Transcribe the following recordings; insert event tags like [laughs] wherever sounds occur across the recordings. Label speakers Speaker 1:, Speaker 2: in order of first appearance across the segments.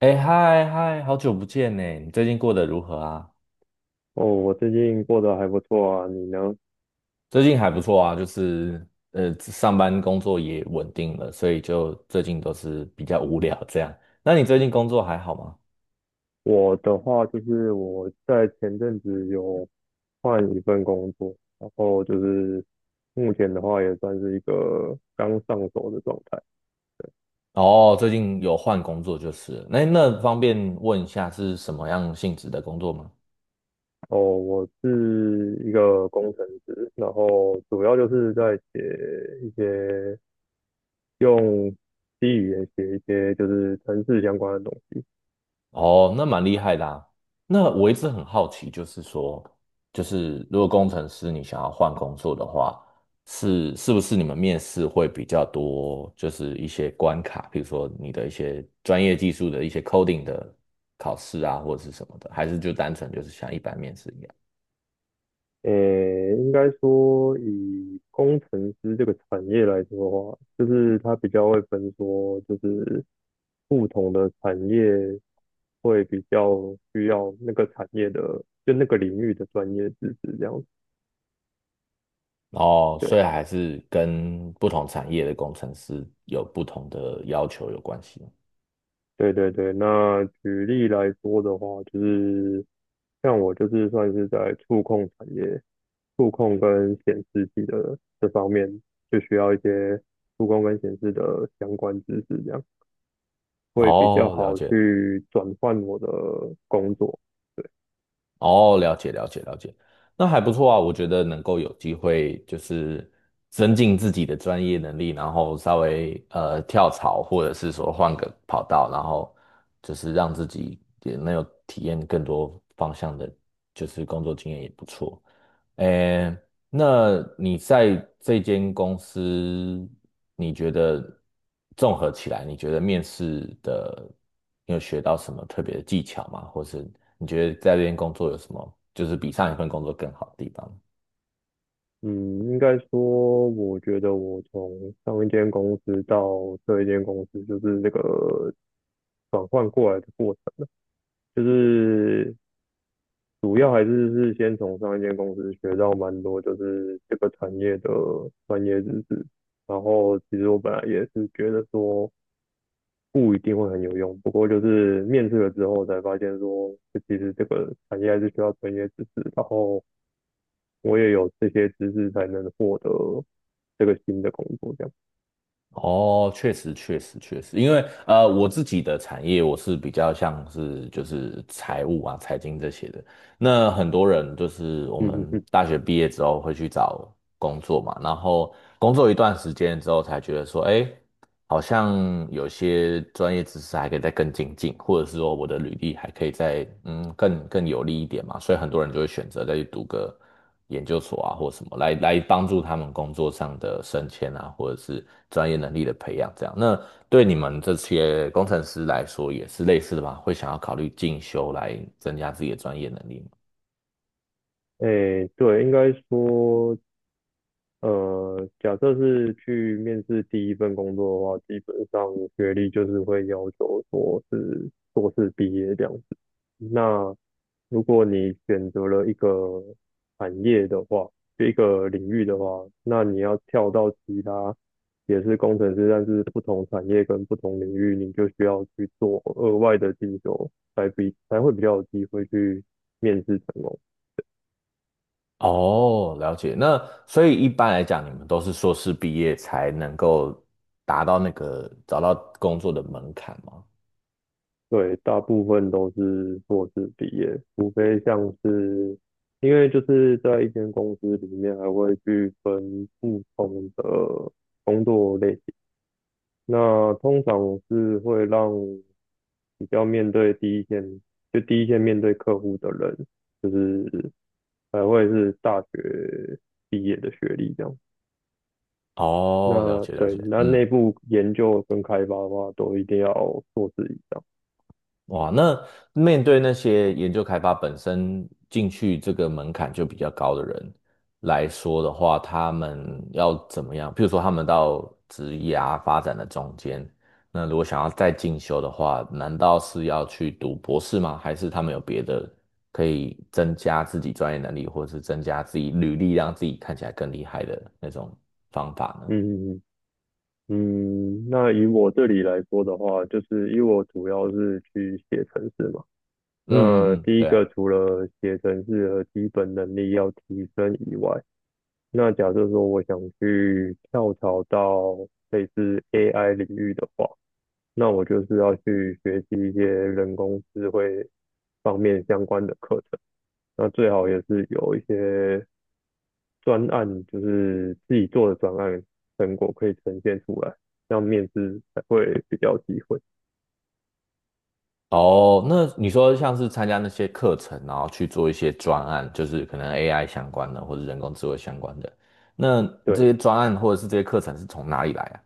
Speaker 1: 哎，嗨嗨，好久不见呢！你最近过得如何啊？
Speaker 2: 哦，我最近过得还不错啊，你呢？
Speaker 1: 最近还不错啊，就是上班工作也稳定了，所以就最近都是比较无聊这样。那你最近工作还好吗？
Speaker 2: 我的话就是我在前阵子有换一份工作，然后就是目前的话也算是一个刚上手的状态。
Speaker 1: 哦，最近有换工作就是了，那方便问一下是什么样性质的工作吗？
Speaker 2: 哦，我是一个工程师，然后主要就是在写一些用 C 语言写一些就是城市相关的东。
Speaker 1: 哦，那蛮厉害的啊。那我一直很好奇，就是说，就是如果工程师你想要换工作的话，是不是你们面试会比较多，就是一些关卡，比如说你的一些专业技术的一些 coding 的考试啊，或者是什么的，还是就单纯就是像一般面试一样？
Speaker 2: 诶，应该说以工程师这个产业来说的话，就是它比较会分说，就是不同的产业会比较需要那个产业的，就那个领域的专业知识这样子。
Speaker 1: 哦，所以还是跟不同产业的工程师有不同的要求有关系。
Speaker 2: 对对对对。那举例来说的话，就是像我就是算是在触控产业，触控跟显示器的这方面，就需要一些触控跟显示的相关知识这样。会比较
Speaker 1: 哦，了
Speaker 2: 好
Speaker 1: 解。
Speaker 2: 去转换我的工作。
Speaker 1: 哦，了解了解了解，那还不错啊，我觉得能够有机会就是增进自己的专业能力，然后稍微跳槽，或者是说换个跑道，然后就是让自己也能有体验更多方向的，就是工作经验也不错。诶，那你在这间公司，你觉得综合起来，你觉得面试的，你有学到什么特别的技巧吗？或是你觉得在这边工作有什么，就是比上一份工作更好的地方？
Speaker 2: 嗯，应该说，我觉得我从上一间公司到这一间公司，就是这个转换过来的过程，就是主要还是先从上一间公司学到蛮多，就是这个产业的专业知识。然后其实我本来也是觉得说不一定会很有用，不过就是面试了之后才发现说，就其实这个产业还是需要专业知识，然后我也有这些知识才能获得这个新的工作，这样。
Speaker 1: 哦，确实，确实，确实，因为我自己的产业我是比较像是就是财务啊、财经这些的。那很多人就是我
Speaker 2: 嗯嗯
Speaker 1: 们
Speaker 2: 嗯。
Speaker 1: 大学毕业之后会去找工作嘛，然后工作一段时间之后才觉得说，哎。好像有些专业知识还可以再更精进，或者是说我的履历还可以再更有利一点嘛，所以很多人就会选择再去读个研究所啊或什么来帮助他们工作上的升迁啊，或者是专业能力的培养这样。那对你们这些工程师来说也是类似的吧？会想要考虑进修来增加自己的专业能力吗？
Speaker 2: 哎，对，应该说，假设是去面试第一份工作的话，基本上学历就是会要求说是硕士毕业这样。那如果你选择了一个产业的话，就一个领域的话，那你要跳到其他也是工程师，但是不同产业跟不同领域，你就需要去做额外的进修，才会比较有机会去面试成功。
Speaker 1: 哦，了解。那所以一般来讲，你们都是硕士毕业才能够达到那个找到工作的门槛吗？
Speaker 2: 对，大部分都是硕士毕业，除非像是因为就是在一间公司里面还会去分不同的工作类。那通常我是会让比较面对第一线，就第一线面对客户的人，就是会是大学毕业的学历这样。
Speaker 1: 哦，了
Speaker 2: 那
Speaker 1: 解了
Speaker 2: 对，
Speaker 1: 解。
Speaker 2: 那
Speaker 1: 嗯，
Speaker 2: 内部研究跟开发的话，都一定要硕士以上。
Speaker 1: 哇，那面对那些研究开发本身进去这个门槛就比较高的人来说的话，他们要怎么样？譬如说，他们到职涯发展的中间，那如果想要再进修的话，难道是要去读博士吗？还是他们有别的可以增加自己专业能力，或者是增加自己履历，让自己看起来更厉害的那种方法呢？
Speaker 2: 嗯嗯，那以我这里来说的话，就是因为我主要是去写程式嘛。那
Speaker 1: 嗯嗯嗯，
Speaker 2: 第一
Speaker 1: 对啊。
Speaker 2: 个除了写程式的基本能力要提升以外，那假设说我想去跳槽到类似 AI 领域的话，那我就是要去学习一些人工智慧方面相关的课程。那最好也是有一些专案，就是自己做的专案成果可以呈现出来，这样面试才会比较有机会。
Speaker 1: 哦，那你说像是参加那些课程，然后去做一些专案，就是可能 AI 相关的或者人工智慧相关的，那这些
Speaker 2: 对。
Speaker 1: 专案或者是这些课程是从哪里来啊？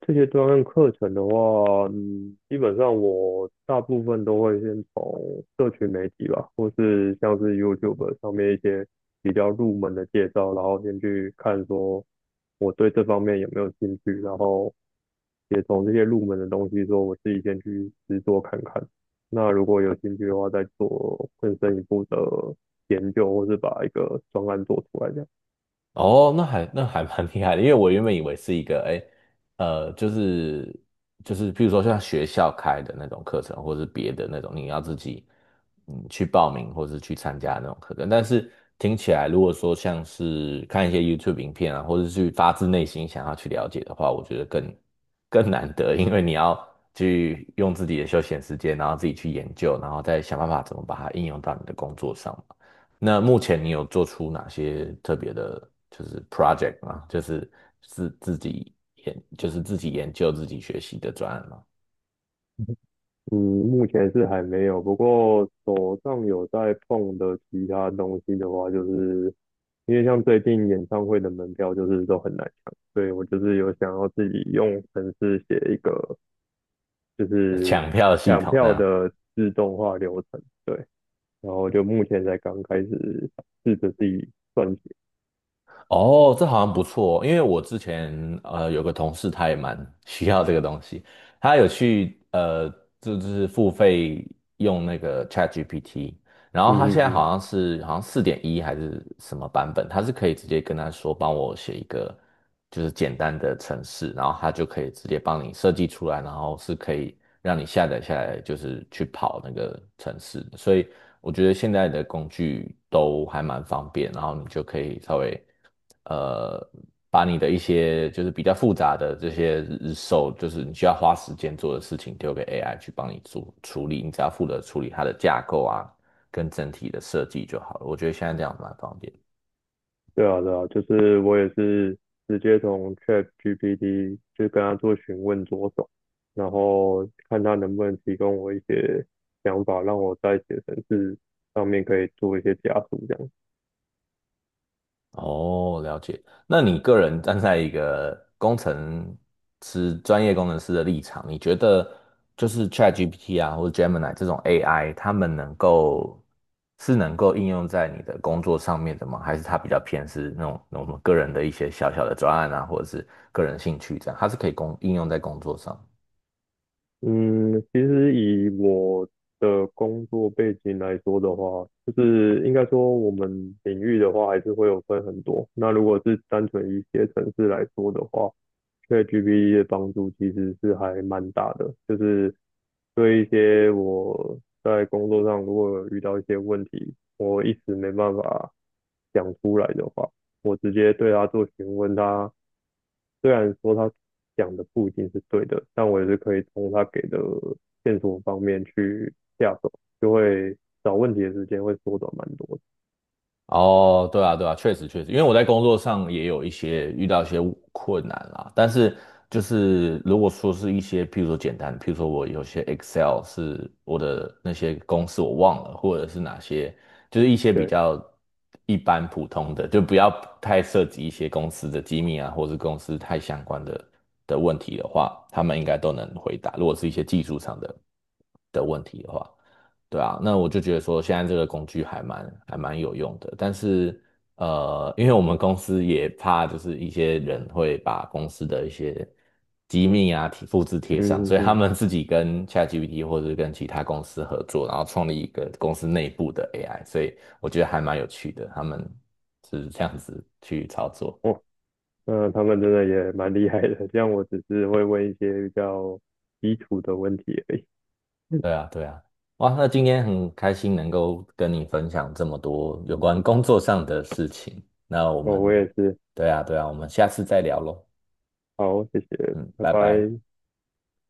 Speaker 2: 这些专案课程的话，嗯，基本上我大部分都会先从社群媒体吧，或是像是 YouTube 上面一些比较入门的介绍，然后先去看说我对这方面有没有兴趣，然后也从这些入门的东西说我自己先去实做看看。那如果有兴趣的话，再做更深一步的研究，或是把一个专案做出来这样。
Speaker 1: 哦，那还蛮厉害的，因为我原本以为是一个，哎，呃，就是就是，譬如说像学校开的那种课程，或是别的那种，你要自己去报名或是去参加那种课程。但是听起来，如果说像是看一些 YouTube 影片啊，或者是去发自内心想要去了解的话，我觉得更难得，因为你要去用自己的休闲时间，然后自己去研究，然后再想办法怎么把它应用到你的工作上。那目前你有做出哪些特别的，就是 project 吗？就是自自己研，就是自己研究、自己学习的专案吗？
Speaker 2: 嗯，目前是还没有，不过手上有在碰的其他东西的话，就是因为像最近演唱会的门票就是都很难抢，所以我就是有想要自己用程式写一个就
Speaker 1: [laughs]
Speaker 2: 是
Speaker 1: 抢票系
Speaker 2: 抢
Speaker 1: 统那
Speaker 2: 票
Speaker 1: 样？
Speaker 2: 的自动化流程，对，然后就目前才刚开始试着自己撰写，
Speaker 1: 哦，这好像不错哦，因为我之前有个同事，他也蛮需要这个东西，他有去就是付费用那个 ChatGPT，然后
Speaker 2: 嗯
Speaker 1: 他现
Speaker 2: 嗯
Speaker 1: 在
Speaker 2: 嗯。
Speaker 1: 好像是好像4.1还是什么版本，他是可以直接跟他说帮我写一个就是简单的程式，然后他就可以直接帮你设计出来，然后是可以让你下载下来，就是去跑那个程式的，所以我觉得现在的工具都还蛮方便，然后你就可以稍微呃把你的一些就是比较复杂的这些日售，就是你需要花时间做的事情，丢给 AI 去帮你做处理，你只要负责处理它的架构啊。跟整体的设计就好了。我觉得现在这样蛮方便。
Speaker 2: 对啊，对啊，就是我也是直接从 ChatGPT 就跟他做询问着手，然后看他能不能提供我一些想法，让我在写程式上面可以做一些加速这样。
Speaker 1: 哦，了解。那你个人站在一个工程师、专业工程师的立场，你觉得就是 ChatGPT 啊，或者 Gemini 这种 AI，他们能够是能够应用在你的工作上面的吗？还是它比较偏是那种我们个人的一些小小的专案啊，或者是个人兴趣这样，它是可以应用在工作上？
Speaker 2: 嗯，其实以我的工作背景来说的话，就是应该说我们领域的话还是会有分很多。那如果是单纯以写程式来说的话，对 GPT 的帮助其实是还蛮大的，就是对一些我在工作上如果有遇到一些问题，我一时没办法讲出来的话，我直接对他做询问他，虽然说他讲的不一定是对的，但我也是可以从他给的线索方面去下手，就会找问题的时间会缩短蛮多的。
Speaker 1: 哦，对啊，对啊，确实确实，因为我在工作上也有一些遇到一些困难啦，但是就是如果说是一些，譬如说简单，譬如说我有些 Excel 是我的那些公式我忘了，或者是哪些，就是一些比
Speaker 2: 对，
Speaker 1: 较一般普通的，就不要太涉及一些公司的机密啊，或是公司太相关的问题的话，他们应该都能回答。如果是一些技术上的问题的话。对啊，那我就觉得说现在这个工具还蛮有用的，但是因为我们公司也怕就是一些人会把公司的一些机密啊复制贴上，
Speaker 2: 嗯嗯
Speaker 1: 所以他
Speaker 2: 嗯，
Speaker 1: 们自己跟 ChatGPT 或者是跟其他公司合作，然后创立一个公司内部的 AI，所以我觉得还蛮有趣的，他们是这样子去操作。
Speaker 2: 我、他们真的也蛮厉害的，这样我只是会问一些比较基础的问题而已。[laughs]
Speaker 1: 对啊，对啊，哇，那今天很开心能够跟你分享这么多有关工作上的事情。那我
Speaker 2: 哦，我
Speaker 1: 们，
Speaker 2: 也是，
Speaker 1: 对啊，对啊，我们下次再聊喽。
Speaker 2: 好，谢谢，
Speaker 1: 嗯，
Speaker 2: 拜
Speaker 1: 拜拜。
Speaker 2: 拜。